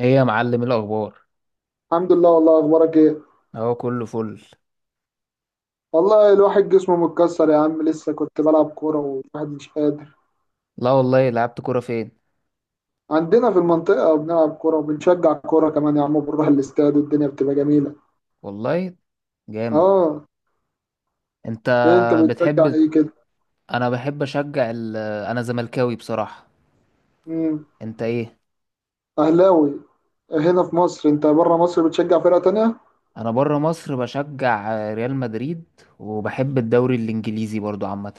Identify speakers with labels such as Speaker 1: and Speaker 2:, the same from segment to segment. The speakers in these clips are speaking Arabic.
Speaker 1: ايه يا معلم، إيه الاخبار؟
Speaker 2: الحمد لله. والله، اخبارك ايه؟
Speaker 1: اهو كله فل.
Speaker 2: والله الواحد جسمه متكسر يا عم، لسه كنت بلعب كوره والواحد مش قادر.
Speaker 1: لا والله، لعبت كوره فين؟
Speaker 2: عندنا في المنطقه بنلعب كوره، وبنشجع كوره كمان يا عم، بنروح الاستاد والدنيا بتبقى جميله.
Speaker 1: والله. جامد.
Speaker 2: اه.
Speaker 1: انت.
Speaker 2: إيه، انت بتشجع
Speaker 1: بتحب.
Speaker 2: ايه كده؟
Speaker 1: انا بحب اشجع انا زملكاوي بصراحه.
Speaker 2: امم.
Speaker 1: انت ايه؟
Speaker 2: اهلاوي. هنا في مصر. انت بره مصر بتشجع فرقه تانية؟
Speaker 1: انا بره مصر بشجع ريال مدريد. وبحب الدوري الانجليزي برضو عامه.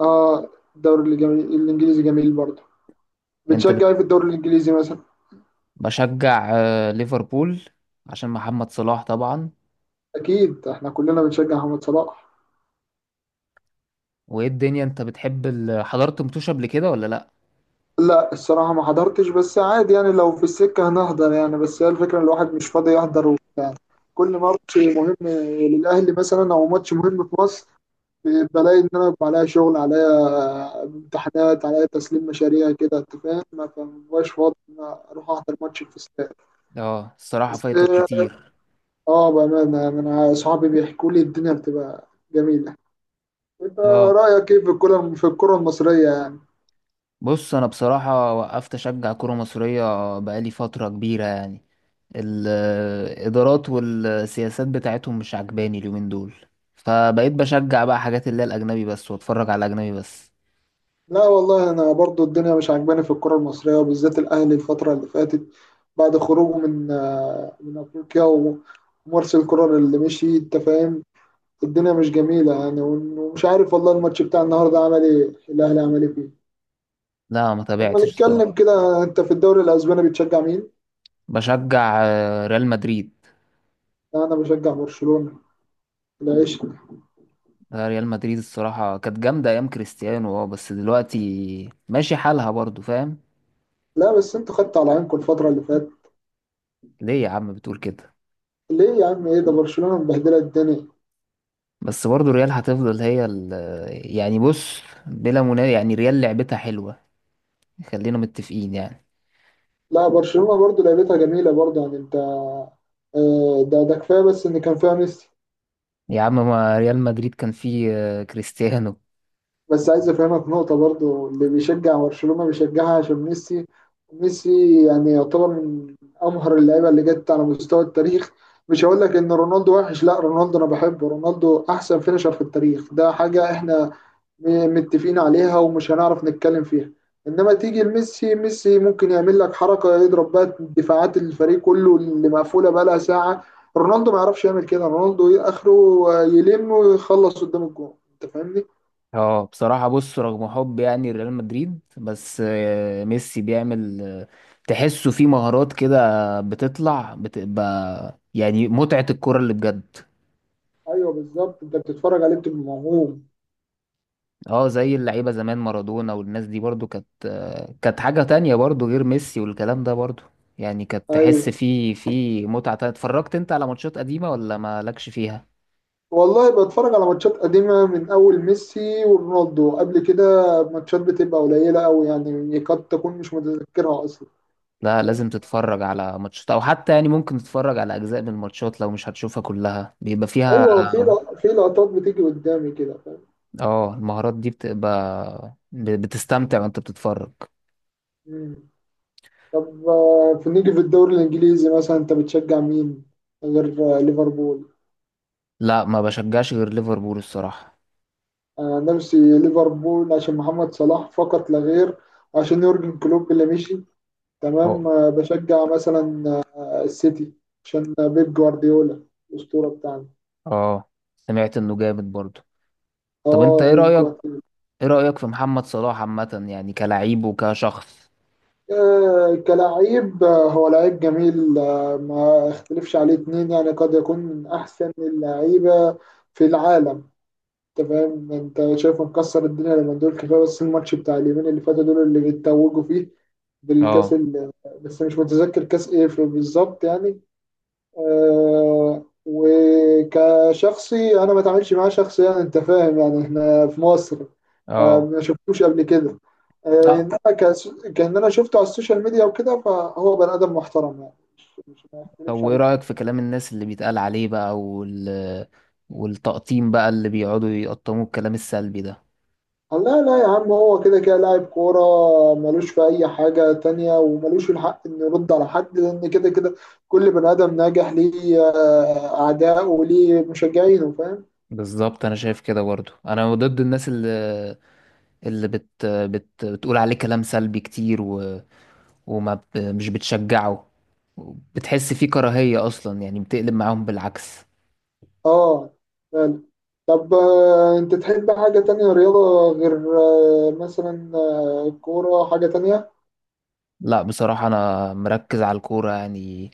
Speaker 2: اه. الدوري الجميل، الانجليزي جميل برضه.
Speaker 1: انت
Speaker 2: بتشجع
Speaker 1: بت...
Speaker 2: ايه في الدوري الانجليزي مثلا؟
Speaker 1: بشجع ليفربول، عشان محمد صلاح طبعا.
Speaker 2: اكيد احنا كلنا بنشجع محمد صلاح.
Speaker 1: وايه الدنيا، انت بتحب حضرت متوش قبل كده ولا لا؟
Speaker 2: لا الصراحة ما حضرتش، بس عادي يعني، لو في السكة هنحضر يعني، بس هي الفكرة إن الواحد مش فاضي يحضر وبتاع يعني. كل ماتش مهم للأهلي مثلا، أو ماتش مهم في مصر، بلاقي إن أنا بيبقى عليا شغل، عليا امتحانات، عليا تسليم مشاريع كده أنت فاهم، ما فمبقاش فاضي إن أنا أروح أحضر ماتش في استاد.
Speaker 1: اه، الصراحه
Speaker 2: بس،
Speaker 1: فايتك كتير.
Speaker 2: بأمانة يعني، أنا أصحابي بيحكوا لي الدنيا بتبقى جميلة. أنت
Speaker 1: اه،
Speaker 2: رأيك إيه في الكرة المصرية يعني؟
Speaker 1: بص، انا بصراحه وقفت اشجع كره مصريه. بقالي فتره كبيره يعني. الادارات والسياسات بتاعتهم مش عجباني اليومين دول. فبقيت بشجع بقى حاجات اللي هي الاجنبي بس، واتفرج على الاجنبي بس.
Speaker 2: لا والله، انا برضو الدنيا مش عاجباني في الكرة المصرية، وبالذات الاهلي الفترة اللي فاتت. بعد خروجه من من افريقيا ومارسيل كولر اللي مشي انت فاهم. الدنيا مش جميلة يعني، ومش عارف والله الماتش بتاع النهاردة عمل ايه. الاهلي عمل ايه فيه؟
Speaker 1: لا، ما
Speaker 2: لما
Speaker 1: تابعتش الصراحه.
Speaker 2: نتكلم كده، انت في الدوري الاسباني بتشجع مين؟
Speaker 1: بشجع ريال مدريد.
Speaker 2: لا انا بشجع برشلونة. العيش.
Speaker 1: ريال مدريد الصراحه كانت جامده ايام كريستيانو. اه، بس دلوقتي ماشي حالها برضو، فاهم؟
Speaker 2: لا، بس انتوا خدتوا على عينكم الفترة اللي فاتت.
Speaker 1: ليه يا عم بتقول كده؟
Speaker 2: ليه يا عم؟ ايه ده، برشلونة مبهدلة الدنيا.
Speaker 1: بس برضو ريال هتفضل هي يعني بص، بلا منازع يعني ريال لعبتها حلوه. خلينا متفقين يعني.
Speaker 2: لا برشلونة برضو لعبتها جميلة برضو يعني انت، ده كفاية بس ان كان فيها ميسي.
Speaker 1: يا عم، ما ريال مدريد كان فيه كريستيانو.
Speaker 2: بس عايز افهمك نقطة برضو، اللي بيشجع برشلونة بيشجعها عشان ميسي. ميسي يعني يعتبر من امهر اللعيبة اللي جت على مستوى التاريخ. مش هقول لك ان رونالدو وحش، لا رونالدو انا بحبه، رونالدو احسن فينيشر في التاريخ، ده حاجة احنا متفقين عليها ومش هنعرف نتكلم فيها. انما تيجي لميسي، ميسي ممكن يعمل لك حركه، يضرب بقى دفاعات الفريق كله اللي مقفوله بقى لها ساعه. رونالدو ما يعرفش يعمل كده، رونالدو إيه اخره؟ يلم ويخلص قدام الجون انت فاهمني.
Speaker 1: اه، بصراحة بص، رغم حب يعني ريال مدريد، بس ميسي بيعمل تحسه فيه مهارات كده بتطلع، بتبقى يعني متعة الكرة اللي بجد.
Speaker 2: ايوه بالظبط، انت بتتفرج عليه بتبقى موهوم.
Speaker 1: اه، زي اللعيبة زمان مارادونا والناس دي، برضو كانت حاجة تانية برضو، غير ميسي والكلام ده برضو. يعني كانت
Speaker 2: ايوه
Speaker 1: تحس فيه متعة تانية. اتفرجت انت على ماتشات قديمة ولا مالكش فيها؟
Speaker 2: والله بتفرج على ماتشات قديمه من اول ميسي ورونالدو قبل كده. ماتشات بتبقى قليله قوي يعني، قد تكون مش متذكرها اصلا.
Speaker 1: لا، لازم
Speaker 2: فاهم؟
Speaker 1: تتفرج على ماتشات، او حتى يعني ممكن تتفرج على اجزاء من الماتشات لو مش هتشوفها كلها، بيبقى فيها.
Speaker 2: ايوه، في في لقطات بتيجي قدامي كده فاهم.
Speaker 1: اه، المهارات دي بتبقى بتستمتع وانت بتتفرج.
Speaker 2: مم. طب، في نيجي في الدوري الانجليزي مثلا، انت بتشجع مين غير ليفربول؟
Speaker 1: لا، ما بشجعش غير ليفربول الصراحة.
Speaker 2: انا عن نفسي ليفربول عشان محمد صلاح فقط لا غير. عشان يورجن كلوب اللي مشي.
Speaker 1: هو.
Speaker 2: تمام. بشجع مثلا السيتي، عشان بيب جوارديولا، الاسطوره بتاعنا.
Speaker 1: اه، سمعت انه جامد برضو. طب، انت
Speaker 2: اه،
Speaker 1: ايه
Speaker 2: بيب
Speaker 1: رأيك؟
Speaker 2: جوارديولا.
Speaker 1: ايه رأيك في محمد صلاح عامة، يعني كلاعب وكشخص؟
Speaker 2: كلاعب، هو لعيب جميل، ما اختلفش عليه اتنين يعني، قد يكون من احسن اللعيبه في العالم. انت فاهم، انت شايفه مكسر الدنيا لما دول، كفايه بس الماتش بتاع اليومين اللي فاتوا دول اللي بيتوجوا فيه بالكاس
Speaker 1: اه.
Speaker 2: بس مش متذكر كاس ايه بالظبط يعني. وكشخصي، انا ما اتعاملش معاه شخصيا انت فاهم يعني، احنا في مصر،
Speaker 1: اه.
Speaker 2: فما شفتوش قبل كده.
Speaker 1: لا.
Speaker 2: انما كان انا شفته على السوشيال ميديا وكده، فهو بني ادم محترم يعني، مش ما
Speaker 1: طب،
Speaker 2: يختلفش
Speaker 1: وايه
Speaker 2: عليك.
Speaker 1: رأيك في كلام الناس اللي بيتقال عليه بقى والتقطيم بقى اللي بيقعدوا يقطموا الكلام السلبي ده؟
Speaker 2: قال لا لا يا عم، هو كده كده لاعب كورة، ملوش في أي حاجة تانية، وملوش الحق إنه يرد على حد، لأن كده كده كل بني آدم ناجح ليه أعداء وليه مشجعينه فاهم؟
Speaker 1: بالظبط، انا شايف كده برضو. انا ضد الناس اللي بت بت بتقول عليه كلام سلبي كتير مش بتشجعه. بتحس فيه كراهية اصلا، يعني بتقلب معاهم بالعكس.
Speaker 2: آه، فعلا. طب، أنت تحب حاجة تانية رياضة غير مثلا الكورة، حاجة تانية؟
Speaker 1: لا، بصراحة انا مركز على الكورة يعني.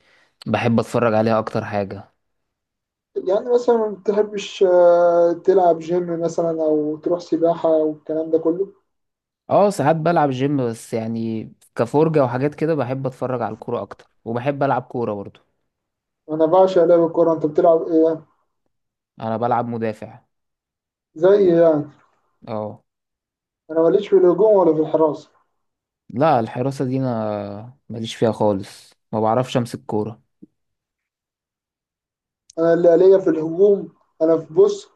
Speaker 1: بحب اتفرج عليها اكتر حاجة.
Speaker 2: يعني مثلا ما بتحبش تلعب جيم مثلا، أو تروح سباحة والكلام ده كله؟
Speaker 1: اه، ساعات بلعب جيم، بس يعني كفرجة وحاجات كده. بحب اتفرج على الكورة اكتر، وبحب العب كورة برضو.
Speaker 2: أنا بعشق لعب الكورة. أنت بتلعب إيه؟
Speaker 1: انا بلعب مدافع.
Speaker 2: زي إيه يعني؟
Speaker 1: اه.
Speaker 2: انا ماليش في الهجوم ولا في الحراسه.
Speaker 1: لا، الحراسة دي انا ماليش فيها خالص، ما بعرفش امسك كورة.
Speaker 2: انا اللي ليا في الهجوم. انا في، بص،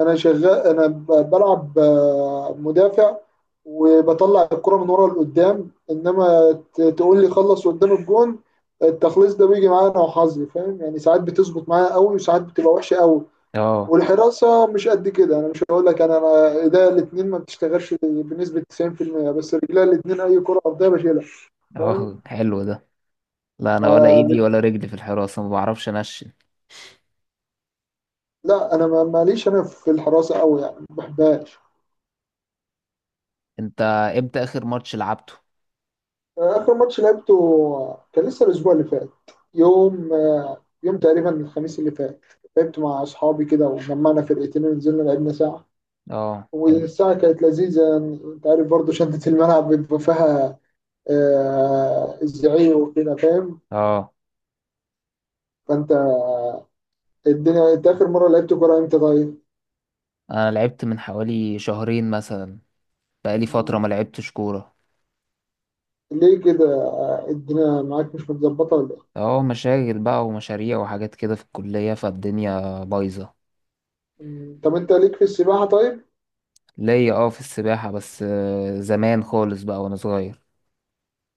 Speaker 2: انا شغال، انا بلعب مدافع، وبطلع الكرة من ورا لقدام، انما تقول لي خلص قدام الجون. التخليص ده بيجي معايا انا وحظي، فاهم يعني، ساعات بتظبط معايا قوي، وساعات بتبقى وحشه قوي.
Speaker 1: اه.
Speaker 2: والحراسه مش قد كده، انا مش هقول لك، انا ايديا الاثنين ما بتشتغلش بنسبه 90%، بس رجليا الاثنين اي كره ارضيه بشيلها.
Speaker 1: اه، حلو ده. لا، انا ولا ايدي
Speaker 2: فاهم.
Speaker 1: ولا رجلي في الحراسة، ما بعرفش انشن.
Speaker 2: لا انا ماليش انا في الحراسه قوي يعني، ما بحبهاش.
Speaker 1: انت. امتى اخر ماتش لعبته؟
Speaker 2: اخر ماتش لعبته، كان لسه الاسبوع اللي فات. يوم يوم تقريبا الخميس اللي فات. لعبت مع اصحابي كده، وجمعنا فرقتين ونزلنا لعبنا ساعه.
Speaker 1: اه، حلو.
Speaker 2: والساعه كانت لذيذه يعني، انت عارف برضه شده الملعب بيبقى فيها، الزعيق وكده فاهم.
Speaker 1: اه،
Speaker 2: فانت، الدنيا، انت اخر مره لعبت كوره امتى طيب؟
Speaker 1: انا لعبت من حوالي شهرين مثلا. بقالي فترة
Speaker 2: مم.
Speaker 1: ما لعبتش كورة.
Speaker 2: ليه كده؟ الدنيا معاك مش متظبطه ولا ايه؟
Speaker 1: اه، مشاغل بقى ومشاريع وحاجات كده في الكلية، فالدنيا بايظة.
Speaker 2: مم. طب انت ليك في السباحه طيب؟
Speaker 1: ليا اه في السباحة، بس زمان خالص بقى وانا صغير.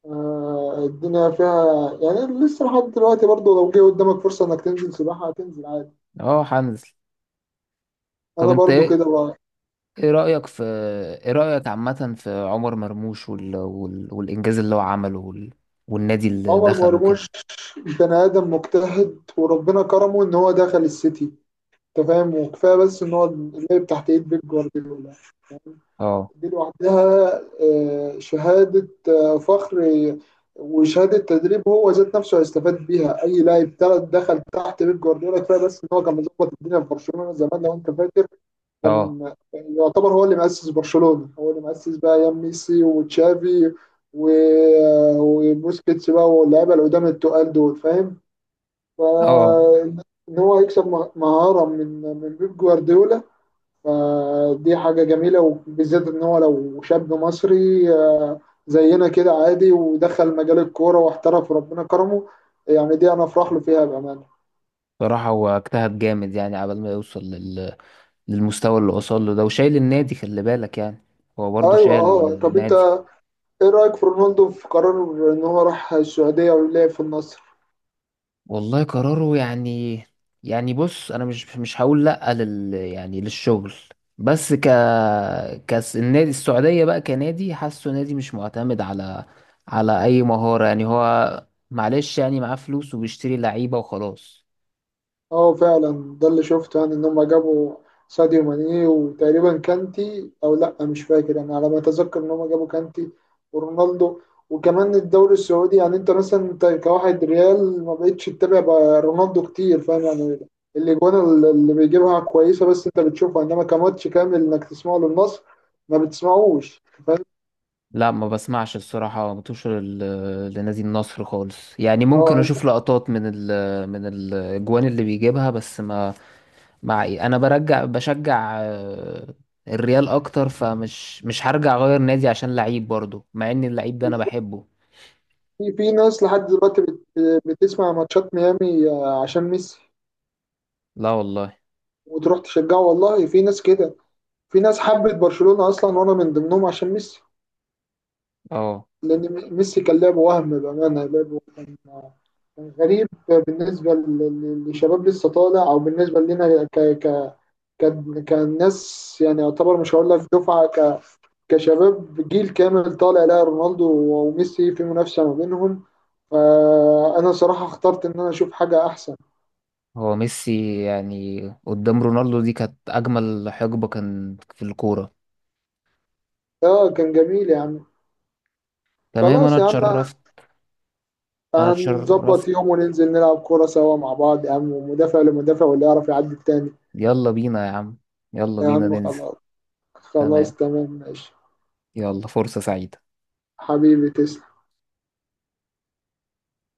Speaker 2: الدنيا فيها يعني، لسه لحد دلوقتي برضو لو جه قدامك فرصة انك تنزل سباحة هتنزل عادي.
Speaker 1: اه، هنزل. طب،
Speaker 2: انا
Speaker 1: انت
Speaker 2: برضو
Speaker 1: ايه؟
Speaker 2: كده بقى.
Speaker 1: ايه رأيك في ايه رأيك عامة في عمر مرموش والإنجاز اللي هو عمله والنادي اللي
Speaker 2: عمر
Speaker 1: دخله كده؟
Speaker 2: مرموش. بني ادم مجتهد، وربنا كرمه ان هو دخل السيتي. انت فاهم، وكفايه بس ان هو اللعب تحت ايد بيب جوارديولا،
Speaker 1: اه.
Speaker 2: دي لوحدها شهادة فخر. آه، وشهادة تدريب، هو ذات نفسه هيستفاد بيها أي لاعب تلات دخل تحت بيب جوارديولا، كفاية بس إن هو كان مظبط الدنيا في برشلونة زمان لو أنت فاكر.
Speaker 1: اه.
Speaker 2: كان يعتبر هو اللي مؤسس برشلونة، هو اللي مؤسس بقى أيام ميسي وتشافي و... آه، وبوسكيتس بقى، واللعيبة اللي قدام التقال دول فاهم.
Speaker 1: اه.
Speaker 2: فإن هو يكسب مهارة من بيب جوارديولا، فدي حاجة جميلة، وبالذات إن هو لو شاب مصري، زينا كده عادي، ودخل مجال الكورة واحترف وربنا كرمه. يعني دي أنا أفرح له فيها بأمانة.
Speaker 1: بصراحة هو اجتهد جامد يعني عبال ما يوصل للمستوى اللي وصل له ده، وشايل النادي خلي بالك يعني. هو برضه
Speaker 2: أيوة،
Speaker 1: شايل
Speaker 2: أه. طب أنت،
Speaker 1: النادي.
Speaker 2: إيه رأيك في رونالدو، في قرار إن هو راح السعودية ولعب في النصر؟
Speaker 1: والله قراره يعني. يعني بص، انا مش هقول لا يعني للشغل. بس ك كاس النادي السعوديه بقى، كنادي حاسه نادي مش معتمد على اي مهاره، يعني هو معلش يعني معاه فلوس وبيشتري لعيبه وخلاص.
Speaker 2: اه، فعلا. ده اللي شفته، يعني ان هم جابوا ساديو ماني وتقريبا كانتي، او لا، مش فاكر انا، على ما اتذكر ان هم جابوا كانتي ورونالدو. وكمان الدوري السعودي يعني، انت مثلا انت كواحد ريال ما بقتش تتابع بقى رونالدو كتير فاهم يعني، الاجوان اللي بيجيبها كويسه، بس انت بتشوفها، انما كماتش كامل انك تسمعه للنصر، ما بتسمعوش فاهم.
Speaker 1: لا، ما بسمعش الصراحه، متوشر لنادي النصر خالص يعني. ممكن
Speaker 2: اه،
Speaker 1: اشوف
Speaker 2: انت
Speaker 1: لقطات من من الاجوان اللي بيجيبها بس ما. مع إيه؟ انا برجع بشجع الريال اكتر، فمش مش هرجع اغير نادي عشان لعيب، برضه مع ان اللعيب ده انا
Speaker 2: بتشوف-
Speaker 1: بحبه.
Speaker 2: في ناس لحد دلوقتي بتسمع ماتشات ميامي عشان ميسي،
Speaker 1: لا والله.
Speaker 2: وتروح تشجعه، والله في ناس كده. في ناس حبت برشلونة أصلا، وأنا من ضمنهم عشان ميسي.
Speaker 1: اه.
Speaker 2: لأن ميسي كان لعبه، وهم بأمانة لعبه كان، كان غريب بالنسبة لشباب لسه طالع، أو بالنسبة لنا ك ك كان ناس يعني يعتبر، مش هقول لك دفعة كشباب، جيل كامل طالع لا رونالدو وميسي في منافسة ما بينهم. فأنا صراحة اخترت إن أنا أشوف حاجة أحسن.
Speaker 1: هو ميسي يعني قدام رونالدو دي كانت اجمل حقبة كان في الكورة.
Speaker 2: كان جميل يا عم.
Speaker 1: تمام، انا
Speaker 2: خلاص يا عم.
Speaker 1: اتشرفت. انا اتشرفت.
Speaker 2: هنظبط يوم وننزل نلعب كورة سوا مع بعض يا عم، ومدافع لمدافع، واللي يعرف يعدي التاني.
Speaker 1: يلا بينا يا عم. يلا
Speaker 2: يا
Speaker 1: بينا
Speaker 2: عم،
Speaker 1: ننزل.
Speaker 2: خلاص.
Speaker 1: تمام.
Speaker 2: خلاص، تمام، ماشي.
Speaker 1: يلا، فرصة سعيدة.
Speaker 2: حبيبي، تسلم.